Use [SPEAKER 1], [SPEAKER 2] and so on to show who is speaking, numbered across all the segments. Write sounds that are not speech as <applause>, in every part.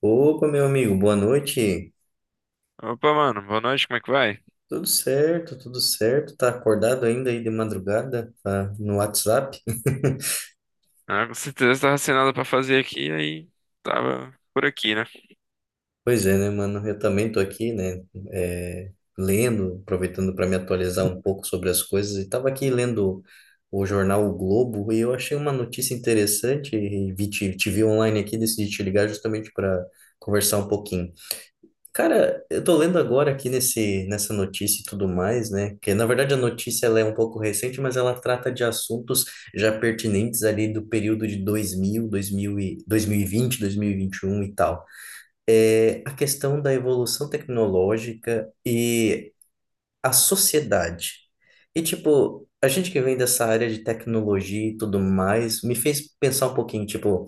[SPEAKER 1] Opa, meu amigo, boa noite.
[SPEAKER 2] Opa, mano, boa noite, como é que vai?
[SPEAKER 1] Tudo certo, tudo certo. Tá acordado ainda aí de madrugada? Tá no WhatsApp? <laughs>
[SPEAKER 2] Ah, com certeza tava sem nada pra fazer aqui, aí tava por aqui, né?
[SPEAKER 1] Pois é, né, mano? Eu também tô aqui, né? é, Lendo, aproveitando para me atualizar um pouco sobre as coisas. E tava aqui lendo o jornal O Globo e eu achei uma notícia interessante e vi, te vi online aqui, decidi te ligar justamente para conversar um pouquinho. Cara, eu tô lendo agora aqui nessa notícia e tudo mais, né? Que na verdade a notícia ela é um pouco recente, mas ela trata de assuntos já pertinentes ali do período de 2021 e tal. É a questão da evolução tecnológica e a sociedade. E tipo, a gente que vem dessa área de tecnologia e tudo mais, me fez pensar um pouquinho, tipo,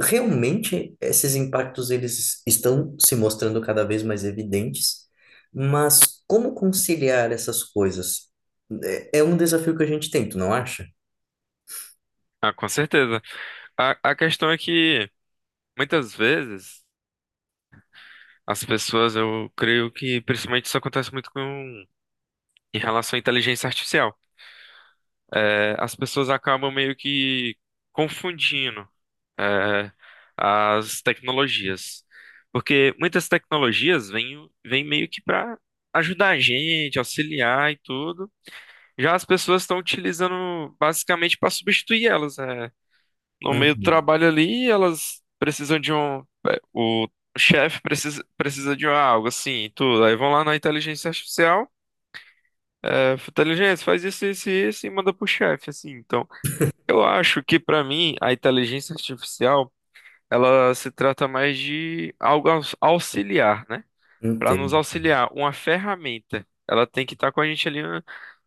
[SPEAKER 1] realmente esses impactos eles estão se mostrando cada vez mais evidentes, mas como conciliar essas coisas? É um desafio que a gente tem, tu não acha?
[SPEAKER 2] Ah, com certeza. A questão é que muitas vezes as pessoas, eu creio que principalmente isso acontece muito com em relação à inteligência artificial. As pessoas acabam meio que confundindo é, as tecnologias. Porque muitas tecnologias vêm meio que pra ajudar a gente, auxiliar e tudo. Já as pessoas estão utilizando basicamente para substituir elas, né? No meio do
[SPEAKER 1] Uhum,
[SPEAKER 2] trabalho ali, elas precisam de um. O chefe precisa de algo assim, e tudo. Aí vão lá na inteligência artificial, inteligência, faz isso, isso e isso e manda pro chefe, assim. Então, eu acho que para mim, a inteligência artificial, ela se trata mais de algo auxiliar, né? Para nos
[SPEAKER 1] entendo.
[SPEAKER 2] auxiliar. Uma ferramenta, ela tem que estar com a gente ali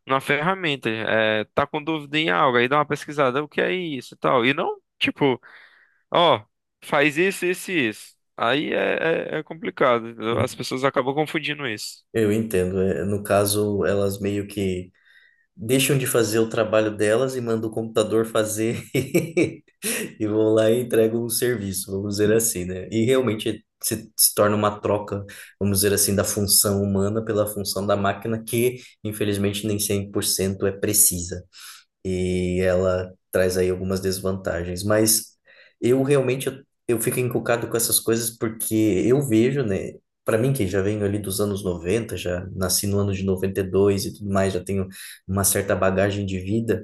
[SPEAKER 2] na ferramenta. É, tá com dúvida em algo, aí dá uma pesquisada, o que é isso e tal. E não, tipo, ó, faz isso, isso e isso. Aí é complicado, entendeu? As pessoas acabam confundindo isso.
[SPEAKER 1] Eu entendo. No caso, elas meio que deixam de fazer o trabalho delas e mandam o computador fazer <laughs> e vão lá e entregam o serviço, vamos dizer assim, né? E realmente se torna uma troca, vamos dizer assim, da função humana pela função da máquina, que infelizmente nem 100% é precisa e ela traz aí algumas desvantagens. Mas eu realmente eu fico encucado com essas coisas porque eu vejo, né? Para mim, que já venho ali dos anos 90 já nasci no ano de noventa e dois e tudo mais, já tenho uma certa bagagem de vida,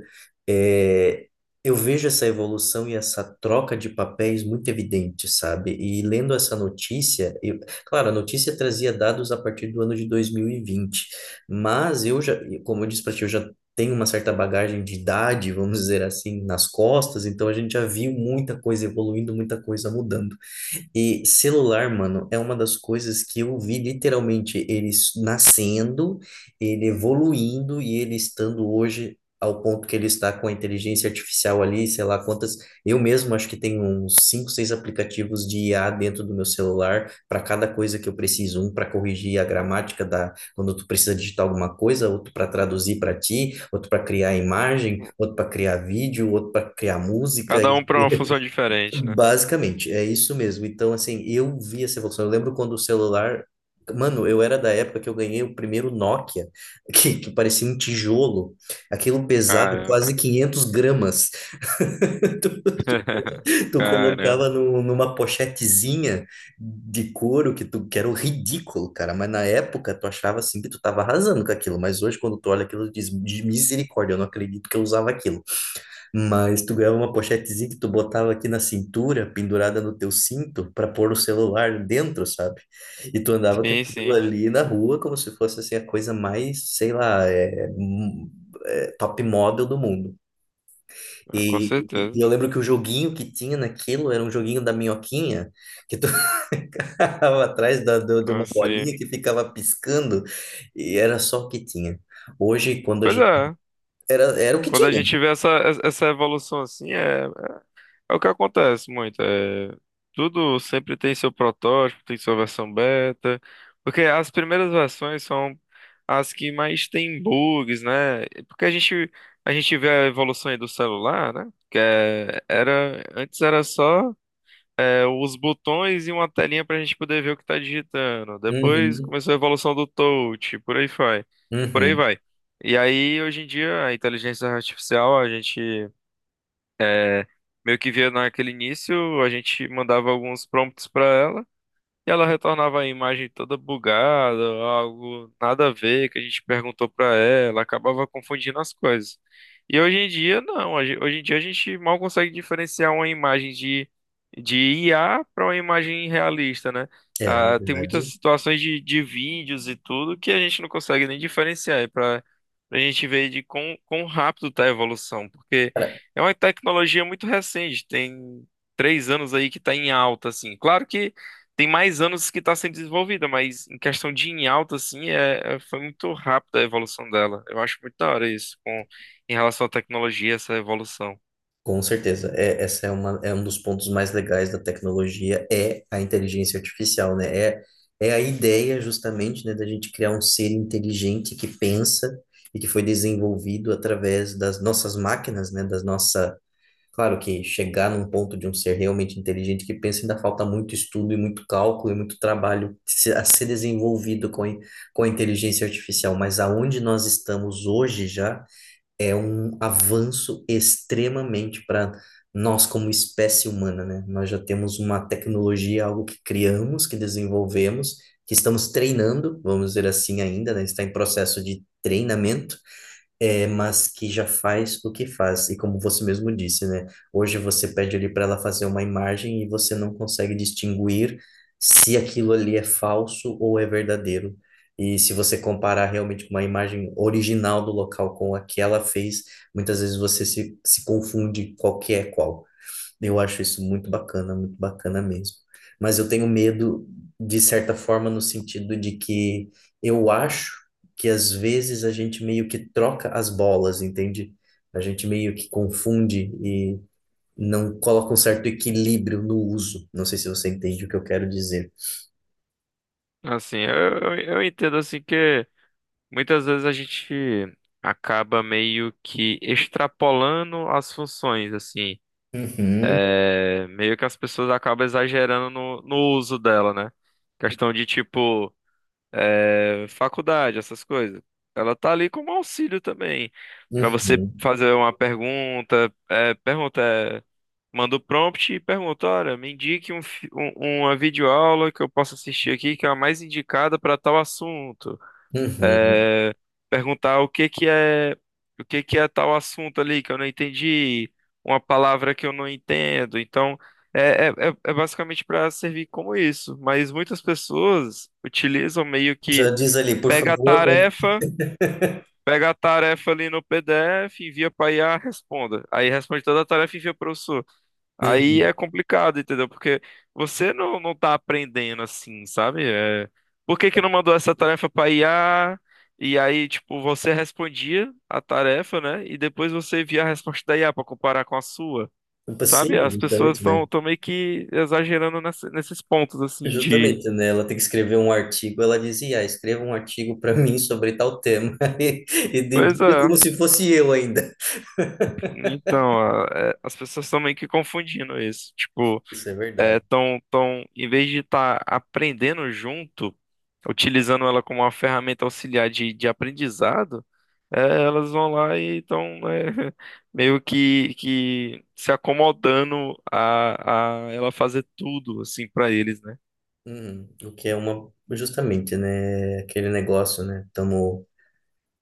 [SPEAKER 1] é, eu vejo essa evolução e essa troca de papéis muito evidente, sabe? E lendo essa notícia, claro, a notícia trazia dados a partir do ano de 2020 mas eu já, como eu disse para ti, eu já tem uma certa bagagem de idade, vamos dizer assim, nas costas, então a gente já viu muita coisa evoluindo, muita coisa mudando. E celular, mano, é uma das coisas que eu vi literalmente ele nascendo, ele evoluindo e ele estando hoje ao ponto que ele está com a inteligência artificial ali, sei lá quantas. Eu mesmo acho que tenho uns cinco, seis aplicativos de IA dentro do meu celular para cada coisa que eu preciso, um para corrigir a gramática da quando tu precisa digitar alguma coisa, outro para traduzir para ti, outro para criar imagem, outro para criar vídeo, outro para criar música.
[SPEAKER 2] Cada um para uma
[SPEAKER 1] <laughs>
[SPEAKER 2] função diferente, né?
[SPEAKER 1] Basicamente, é isso mesmo. Então, assim, eu vi essa evolução. Eu lembro quando o celular. Mano, eu era da época que eu ganhei o primeiro Nokia, <laughs> que parecia um tijolo. Aquilo pesava
[SPEAKER 2] Caramba.
[SPEAKER 1] quase 500 gramas. <laughs> Tu, tu-
[SPEAKER 2] <laughs>
[SPEAKER 1] tu colocava
[SPEAKER 2] Caramba.
[SPEAKER 1] numa pochetezinha de couro que era ridículo, cara. Mas na época tu achava assim que tu tava arrasando com aquilo. Mas hoje, quando tu olha aquilo, tu diz, de misericórdia, eu não acredito que eu usava aquilo. Mas tu ganhava uma pochetezinha que tu botava aqui na cintura, pendurada no teu cinto, para pôr o celular dentro, sabe? E tu andava com
[SPEAKER 2] Sim,
[SPEAKER 1] aquilo
[SPEAKER 2] sim.
[SPEAKER 1] ali na rua como se fosse assim a coisa mais, sei lá, top model do mundo.
[SPEAKER 2] Ah, com
[SPEAKER 1] E
[SPEAKER 2] certeza.
[SPEAKER 1] eu lembro que o joguinho que tinha naquilo era um joguinho da minhoquinha, que tu <laughs> ficava atrás de uma
[SPEAKER 2] Assim.
[SPEAKER 1] bolinha que ficava piscando, e era só o que tinha. Hoje, quando a
[SPEAKER 2] Pois
[SPEAKER 1] gente.
[SPEAKER 2] é.
[SPEAKER 1] Era o que
[SPEAKER 2] Quando a
[SPEAKER 1] tinha.
[SPEAKER 2] gente vê essa evolução assim, é é o que acontece muito. Tudo sempre tem seu protótipo, tem sua versão beta. Porque as primeiras versões são as que mais têm bugs, né? A gente vê a evolução aí do celular, né? Antes era só os botões e uma telinha para a gente poder ver o que está digitando. Depois
[SPEAKER 1] Uhum,
[SPEAKER 2] começou a evolução do touch, por aí vai. Por aí
[SPEAKER 1] uhum.
[SPEAKER 2] vai. E aí, hoje em dia, a inteligência artificial, a gente. É, Meio que via naquele início, a gente mandava alguns prompts para ela. E ela retornava a imagem toda bugada, algo nada a ver que a gente perguntou pra ela, acabava confundindo as coisas. E hoje em dia, não. Hoje em dia a gente mal consegue diferenciar uma imagem de IA para uma imagem realista, né?
[SPEAKER 1] É
[SPEAKER 2] Ah, tem muitas
[SPEAKER 1] verdade.
[SPEAKER 2] situações de vídeos e tudo que a gente não consegue nem diferenciar. É para a gente ver de quão rápido tá a evolução, porque é uma tecnologia muito recente, tem três anos aí que tá em alta, assim. Claro que tem mais anos que está sendo desenvolvida, mas em questão de em alta, assim, foi muito rápida a evolução dela. Eu acho muito da hora isso, em relação à tecnologia, essa evolução.
[SPEAKER 1] Com certeza, essa é uma, é um dos pontos mais legais da tecnologia, é a inteligência artificial, né? É a ideia justamente, né, da gente criar um ser inteligente que pensa e que foi desenvolvido através das nossas máquinas, né, claro que chegar num ponto de um ser realmente inteligente que pensa ainda falta muito estudo e muito cálculo e muito trabalho a ser desenvolvido com a inteligência artificial, mas aonde nós estamos hoje já é um avanço extremamente para nós como espécie humana, né? Nós já temos uma tecnologia, algo que criamos, que desenvolvemos, que estamos treinando, vamos dizer assim ainda, né? Está em processo de treinamento mas que já faz o que faz. E como você mesmo disse, né? Hoje você pede ali para ela fazer uma imagem e você não consegue distinguir se aquilo ali é falso ou é verdadeiro. E se você comparar realmente com uma imagem original do local com a que ela fez, muitas vezes você se confunde qual que é qual. Eu acho isso muito bacana mesmo. Mas eu tenho medo, de certa forma, no sentido de que eu acho que às vezes a gente meio que troca as bolas, entende? A gente meio que confunde e não coloca um certo equilíbrio no uso. Não sei se você entende o que eu quero dizer.
[SPEAKER 2] Assim, eu entendo assim que muitas vezes a gente acaba meio que extrapolando as funções, assim.
[SPEAKER 1] Uhum,
[SPEAKER 2] É, meio que as pessoas acabam exagerando no uso dela, né? Questão de tipo. Faculdade, essas coisas. Ela tá ali como auxílio também, para você
[SPEAKER 1] uhum,
[SPEAKER 2] fazer uma pergunta, manda o prompt e pergunta, olha, me indique uma videoaula que eu possa assistir aqui, que é a mais indicada para tal assunto.
[SPEAKER 1] uhum.
[SPEAKER 2] É, Perguntar o que que é tal assunto ali que eu não entendi, uma palavra que eu não entendo. Então, é basicamente para servir como isso. Mas muitas pessoas utilizam meio
[SPEAKER 1] Já
[SPEAKER 2] que
[SPEAKER 1] diz ali, por
[SPEAKER 2] Pega a
[SPEAKER 1] favor.
[SPEAKER 2] tarefa,
[SPEAKER 1] <laughs>
[SPEAKER 2] pega a tarefa ali no PDF, envia para IA, responda. Aí responde toda a tarefa e envia para o professor. Aí
[SPEAKER 1] Uhum.
[SPEAKER 2] é complicado, entendeu? Porque você não, não tá aprendendo assim, sabe? É, por que que não mandou essa tarefa para IA? E aí, tipo, você respondia a tarefa, né? E depois você via a resposta da IA para comparar com a sua.
[SPEAKER 1] Um
[SPEAKER 2] Sabe?
[SPEAKER 1] passeio,
[SPEAKER 2] As pessoas
[SPEAKER 1] bastante, né?
[SPEAKER 2] estão meio que exagerando nesses pontos, assim, de...
[SPEAKER 1] Justamente, né? Ela tem que escrever um artigo. Ela dizia, ah, escreva um artigo para mim sobre tal tema. <laughs> E
[SPEAKER 2] Pois
[SPEAKER 1] dedica
[SPEAKER 2] é.
[SPEAKER 1] como se fosse eu ainda. <laughs>
[SPEAKER 2] Então, as pessoas estão meio que confundindo isso. Tipo,
[SPEAKER 1] Isso é verdade.
[SPEAKER 2] em vez de estar aprendendo junto, utilizando ela como uma ferramenta auxiliar de aprendizado, elas vão lá e estão, <laughs> meio que se acomodando a ela fazer tudo, assim, para eles, né?
[SPEAKER 1] Uhum. O que é uma, justamente, né? Aquele negócio, né? Estamos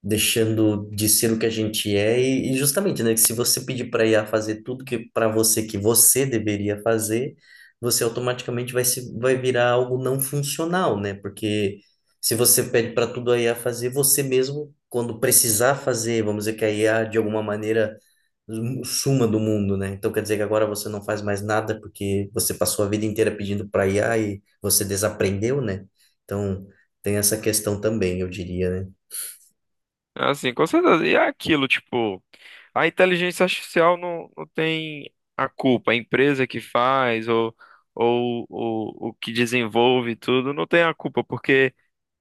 [SPEAKER 1] deixando de ser o que a gente é e justamente, né, que se você pedir para IA fazer tudo que para você que você deveria fazer, você automaticamente vai virar algo não funcional, né? Porque se você pede para tudo a IA fazer, você mesmo quando precisar fazer, vamos dizer que a IA de alguma maneira suma do mundo, né? Então quer dizer que agora você não faz mais nada porque você passou a vida inteira pedindo para IA e você desaprendeu, né? Então tem essa questão também, eu diria, né?
[SPEAKER 2] Assim, com certeza. E é aquilo, tipo, a inteligência artificial não tem a culpa. A empresa que faz ou o que desenvolve tudo não tem a culpa, porque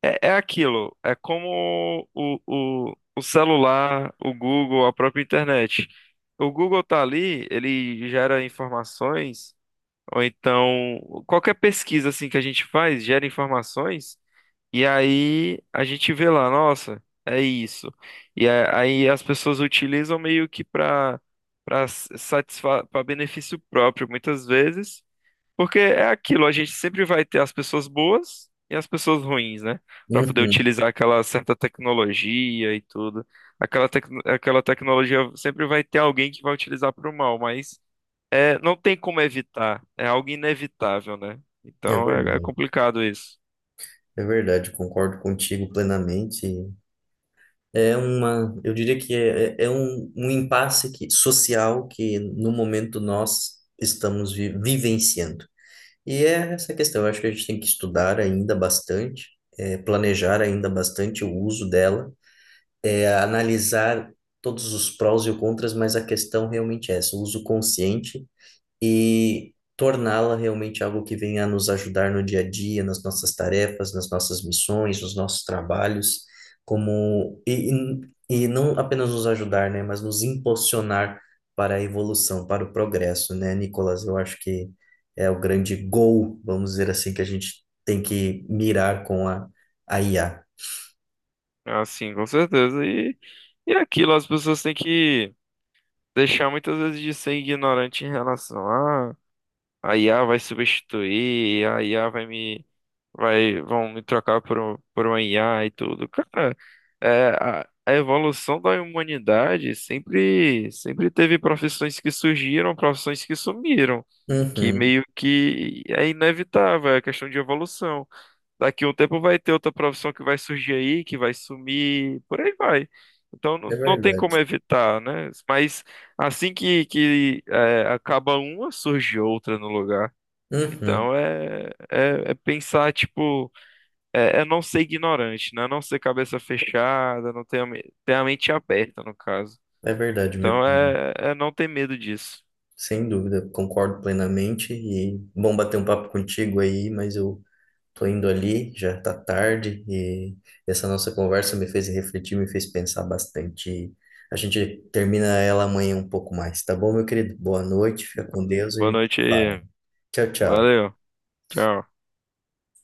[SPEAKER 2] é aquilo. É como o celular, o Google, a própria internet. O Google tá ali, ele gera informações, ou então qualquer pesquisa assim que a gente faz gera informações e aí a gente vê lá, nossa, é isso. E aí as pessoas utilizam meio que para satisfa para benefício próprio muitas vezes, porque é aquilo, a gente sempre vai ter as pessoas boas e as pessoas ruins, né? Para poder
[SPEAKER 1] Uhum.
[SPEAKER 2] utilizar aquela certa tecnologia e tudo. Aquela tecnologia sempre vai ter alguém que vai utilizar para o mal, mas não tem como evitar, é algo inevitável, né?
[SPEAKER 1] É
[SPEAKER 2] Então é é
[SPEAKER 1] verdade,
[SPEAKER 2] complicado isso.
[SPEAKER 1] é verdade, concordo contigo plenamente. É uma, eu diria que é um impasse social que no momento nós estamos vivenciando. E é essa questão, eu acho que a gente tem que estudar ainda bastante, planejar ainda bastante o uso dela, analisar todos os prós e os contras, mas a questão realmente é essa, o uso consciente e torná-la realmente algo que venha a nos ajudar no dia a dia, nas nossas tarefas, nas nossas missões, nos nossos trabalhos, como e não apenas nos ajudar, né, mas nos impulsionar para a evolução, para o progresso, né, Nicolas? Eu acho que é o grande goal, vamos dizer assim, que a gente tem que mirar com a IA.
[SPEAKER 2] Ah, sim, com certeza. E é aquilo, as pessoas têm que deixar muitas vezes de ser ignorante em relação a IA vai substituir, a IA vai me vai vão me trocar por por uma IA e tudo. Cara, a evolução da humanidade sempre teve profissões que surgiram, profissões que sumiram, que
[SPEAKER 1] Uhum,
[SPEAKER 2] meio que é inevitável, é questão de evolução. Daqui a um tempo vai ter outra profissão que vai surgir aí, que vai sumir, por aí vai. Então
[SPEAKER 1] é
[SPEAKER 2] não tem como
[SPEAKER 1] verdade.
[SPEAKER 2] evitar, né? Mas assim acaba uma, surge outra no lugar.
[SPEAKER 1] Uhum,
[SPEAKER 2] Então é pensar, tipo, é não ser ignorante, né? Não ser cabeça fechada, não ter, ter a mente aberta, no caso.
[SPEAKER 1] é verdade, meu
[SPEAKER 2] Então
[SPEAKER 1] querido.
[SPEAKER 2] é não ter medo disso.
[SPEAKER 1] Sem dúvida, concordo plenamente e bom bater um papo contigo aí, mas eu tô indo ali, já tá tarde e essa nossa conversa me fez refletir, me fez pensar bastante. A gente termina ela amanhã um pouco mais, tá bom, meu querido? Boa noite, fica com Deus e a
[SPEAKER 2] Boa
[SPEAKER 1] gente
[SPEAKER 2] noite
[SPEAKER 1] se fala.
[SPEAKER 2] aí.
[SPEAKER 1] Tchau, tchau.
[SPEAKER 2] Valeu. Tchau.